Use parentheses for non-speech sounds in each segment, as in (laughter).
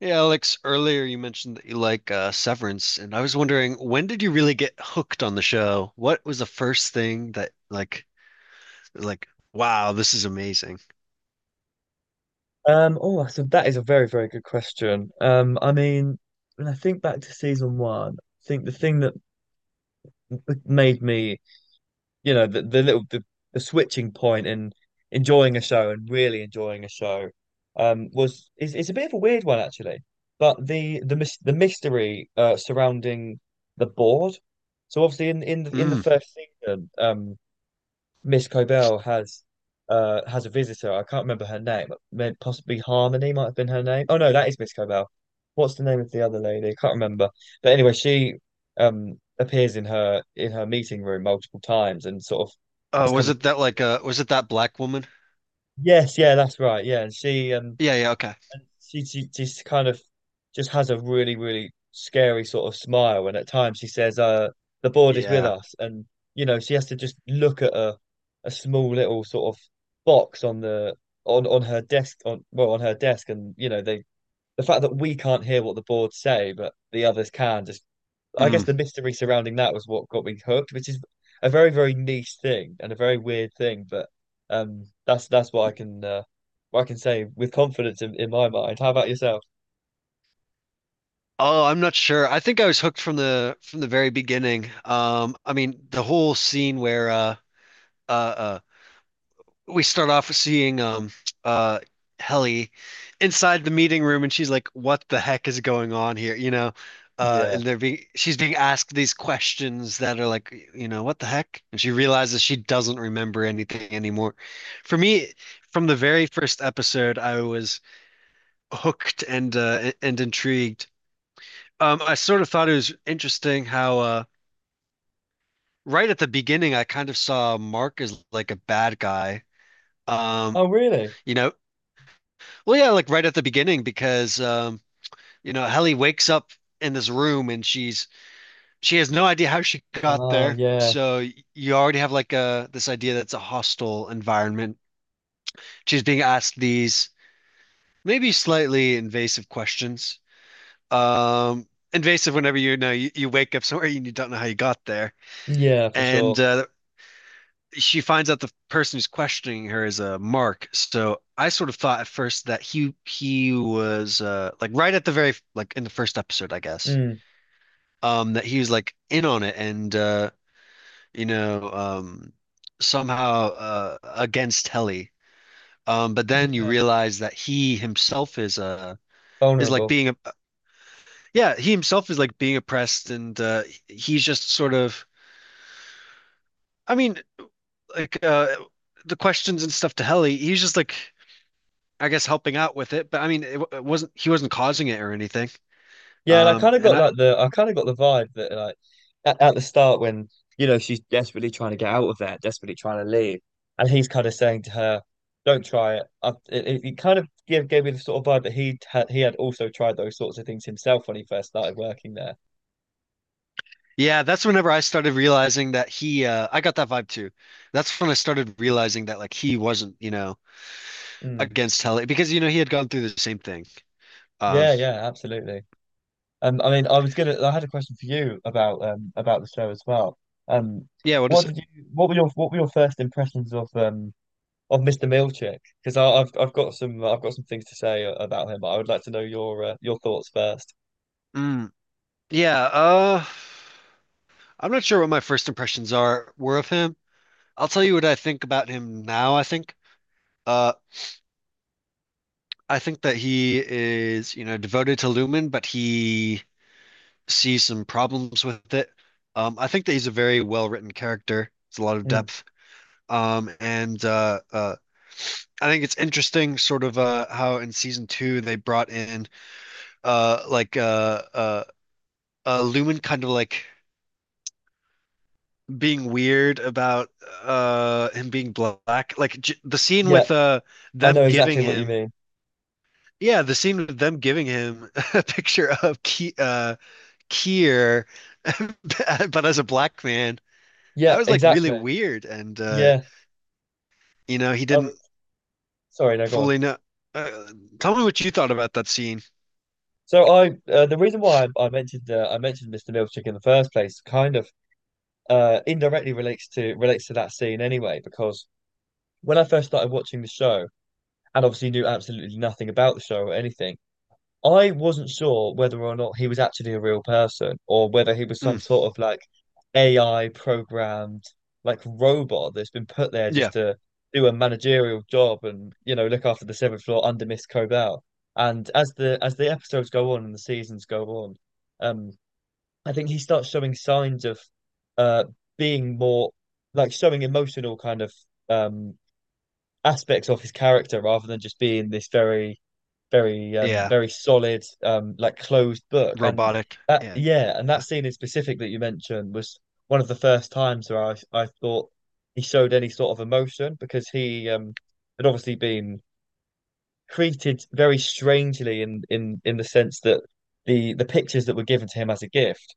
Yeah, Alex, earlier you mentioned that you like Severance, and I was wondering, when did you really get hooked on the show? What was the first thing that like wow, this is amazing. Oh, that's that is a very, very good question. When I think back to season one, I think the thing that made me, you know, the, the little the, the switching point in enjoying a show and really enjoying a show, was is it's a bit of a weird one actually, but the mystery surrounding the board. So obviously in the Mm. first season, Miss Cobell has a visitor. I can't remember her name. Possibly Harmony might have been her name. Oh no, that is Miss Cobell. What's the name of the other lady? I can't remember. But anyway, she appears in her meeting room multiple times and sort of Oh, has was it conversation. that like was it that black woman? Yes, yeah, that's right. Yeah, and she um Yeah, yeah, okay. and she, she just kind of just has a really really scary sort of smile, and at times she says the board is with Yeah. us. And you know, she has to just look at a small little sort of box on her desk on her desk. And you know, the fact that we can't hear what the board say but the others can, just I guess Mm. the mystery surrounding that was what got me hooked, which is a very, very niche thing and a very weird thing. But that's what I can say with confidence in my mind. How about yourself? Oh, I'm not sure. I think I was hooked from the very beginning. I mean, the whole scene where uh, uh, we start off seeing uh Helly inside the meeting room and she's like, what the heck is going on here? You know, Yeah. and they're being she's being asked these questions that are like, you know, what the heck? And she realizes she doesn't remember anything anymore. For me, from the very first episode, I was hooked and intrigued. I sort of thought it was interesting how right at the beginning I kind of saw Mark as like a bad guy. Um, Oh, really? you know, Well, yeah, like right at the beginning because you know, Helly wakes up in this room and she has no idea how she got Oh, there. yeah. So you already have like a this idea that's a hostile environment. She's being asked these maybe slightly invasive questions. Um, Invasive whenever you know you wake up somewhere and you don't know how you got there. Yeah, for And sure. She finds out the person who's questioning her is a Mark. So I sort of thought at first that he was like right at the very like in the first episode, I guess. Mm, That he was like in on it and you know um somehow against Helly. But then you yeah. realize that he himself is like Vulnerable. being a yeah, he himself is like being oppressed and he's just sort of I mean like uh the questions and stuff to Helly, he's just like, I guess, helping out with it, but I mean, it wasn't he wasn't causing it or anything. Yeah, and And I I kind of got the vibe that like at the start when you know she's desperately trying to get out of there, desperately trying to leave, and he's kind of saying to her, "Don't try it." It kind of gave me the sort of vibe that he had also tried those sorts of things himself when he first started working there. Yeah, that's whenever I started realizing that he I got that vibe too. That's when I started realizing that like he wasn't, you know, Mm. against Hell because you know he had gone through the same thing. Um, Yeah, yeah, absolutely. I mean, I was gonna I had a question for you about the show as well. Um, yeah, what what is it? did you what were your first impressions of Mr. Milchick, because I've got some, I've got some things to say about him, but I would like to know your thoughts first. Mm, yeah, I'm not sure what my first impressions are were of him. I'll tell you what I think about him now, I think. Uh I think that he is, you know, devoted to Lumen, but he see some problems with it. I think that he's a very well-written character. It's a lot of Hmm. depth. And I think it's interesting, sort of how in season two they brought in uh, like uh, uh, Lumen kind of like being weird about him being black. Like j the scene Yeah, with I know them giving exactly what you him. mean. Yeah, the scene with them giving him (laughs) a picture of Ki Kier, (laughs) but as a black man. That Yeah, was like really exactly. weird, and Yeah. you know, he Oh, didn't sorry, no, go on. fully know. Uh, tell me what you thought about that scene. So I the reason why I mentioned Mr. Milchick in the first place kind of indirectly relates to that scene anyway, because when I first started watching the show and obviously knew absolutely nothing about the show or anything. I wasn't sure whether or not he was actually a real person, or whether he was some Mm, sort of like AI programmed like robot that's been put there just yeah, to do a managerial job and you know look after the seventh floor under Miss Cobell. And as the episodes go on and the seasons go on, um, I think he starts showing signs of uh being more like showing emotional kind of um aspects of his character, rather than just being this very yeah, very solid, like closed book. And robotic. that, Yeah, yeah, and that yeah, scene in specific that you mentioned was one of the first times where I thought he showed any sort of emotion, because he had obviously been treated very strangely in the sense that the pictures that were given to him as a gift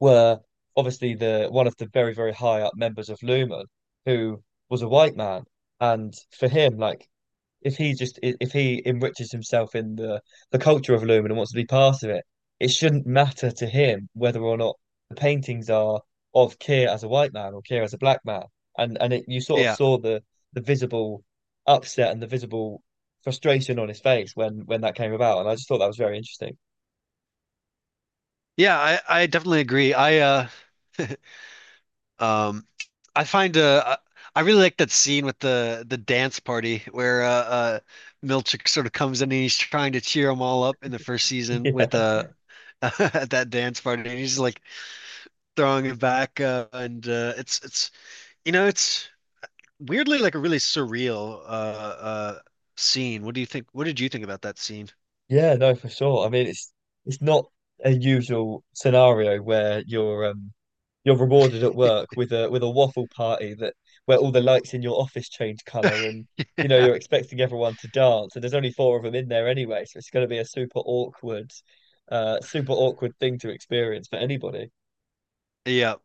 were obviously the one of the very very high up members of Lumen, who was a white man. And for him, like, if he just if he enriches himself in the culture of Lumen and wants to be part of it, it shouldn't matter to him whether or not the paintings are of Keir as a white man or Keir as a black man. And it, you sort of yeah, saw the visible upset and the visible frustration on his face when that came about, and I just thought that was very interesting. yeah. I definitely agree. Um I find I really like that scene with the dance party where Milchick sort of comes in and he's trying to cheer them all up in the first season with (laughs) (laughs) at that dance party, and he's like throwing it back, and it's you know, it's weirdly like a really surreal scene. What do you think? What did you think about that scene? (laughs) Yeah, yeah, no, for sure. I mean, it's not a usual scenario where you're rewarded at work with a waffle party, that where all the lights in your office change color, and you know you're expecting everyone to dance and there's only four of them in there anyway, so it's going to be a super awkward thing to experience for anybody. Yeah.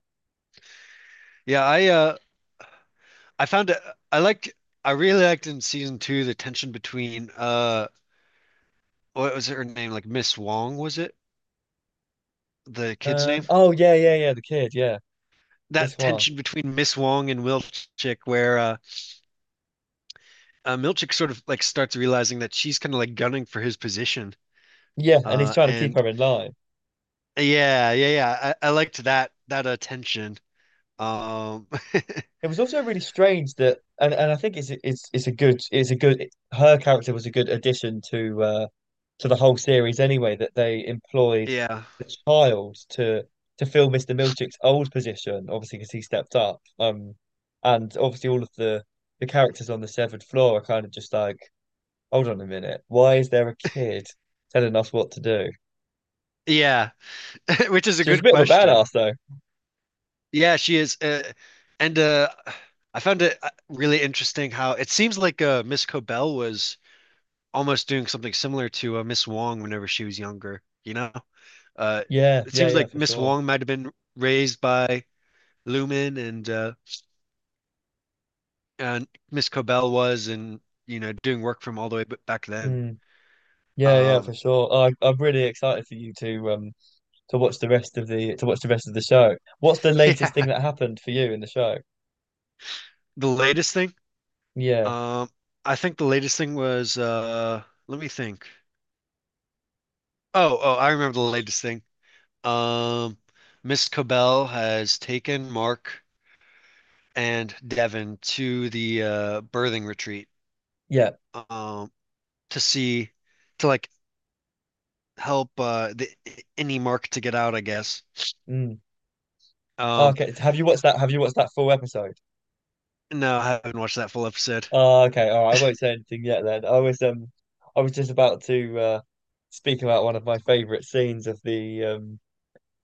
Yeah, I found it I liked I really liked in season two the tension between uh, what was her name? Like Miss Wong, was it? The kid's name? Oh, yeah, yeah, yeah, the kid, yeah. This That one. tension between Miss Wong and Milchick where Milchick sort of like starts realizing that she's kind of like gunning for his position. Yeah, and he's trying to keep And her in line. Yeah, yeah, yeah. I liked that that tension. Um, (laughs) It was also really strange that, and I think it's a good, her character was a good addition to the whole series anyway, that they employed yeah. the child to fill Mr. Milchick's old position obviously because he stepped up. And obviously all of the characters on the severed floor are kind of just like, hold on a minute, why is there a kid telling us what to do? Yeah. (laughs) Which is a She was a good bit of a question. badass though. Yeah, she is. And I found it really interesting how it seems like Miss Cobell was almost doing something similar to Miss Wong whenever she was younger, you know? Uh, Yeah, it yeah, seems yeah, like for Miss sure. Wong might have been raised by Lumen and Miss Cobell was, and, you know, doing work from all the way back then. Mm, yeah, yeah, for Um, sure. I'm really excited for you to watch the rest of the to watch the rest of the show. What's the (laughs) yeah, latest thing that happened for you in the show? the latest thing. Yeah, Um, I think the latest thing was let me think. Oh, I remember the latest thing. Um, Miss Cobell has taken Mark and Devin to the birthing retreat, yeah. um, to see, to like, help the any Mark to get out, I guess. Mm. Ah, Um, okay, have you watched that? Have you watched that full episode? no, I haven't watched that full episode. Oh, okay, all right. I won't say anything yet then. I was just about to speak about one of my favorite scenes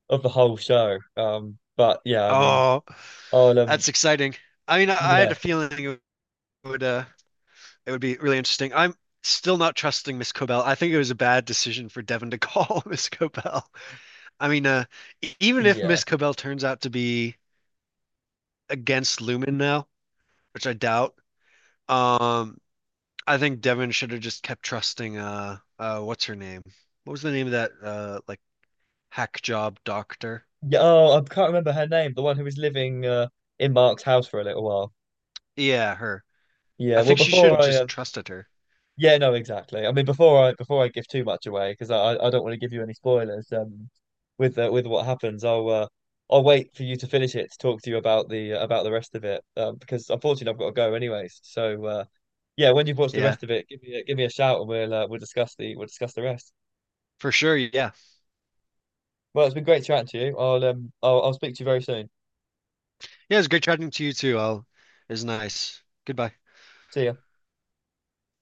of the whole show. But yeah, I mean, Oh, I'll that's exciting. I mean, I had yeah, a feeling would uh, it would be really interesting. I'm still not trusting Miss Cobell. I think it was a bad decision for Devin to call (laughs) Miss Cobell. I mean, even if yeah, Miss Cobell turns out to be against Lumen now, which I doubt. Um, I think Devin should have just kept trusting what's her name? What was the name of that like hack job doctor? yeah. Oh, I can't remember her name. The one who was living in Mark's house for a little while. Yeah, her. Yeah. I Well, think she should before have I just trusted her. yeah, no, exactly. I mean, before I give too much away, because I don't want to give you any spoilers. With what happens, I'll wait for you to finish it to talk to you about the rest of it. Because unfortunately I've got to go anyways. So yeah, when you've watched the Yeah, rest of it, give me a shout, and we'll discuss the rest. for sure. Yeah. Well, it's been great chatting to you. I'll I'll speak to you very soon. Yeah, it's great chatting to you too. It was nice. Goodbye. See ya.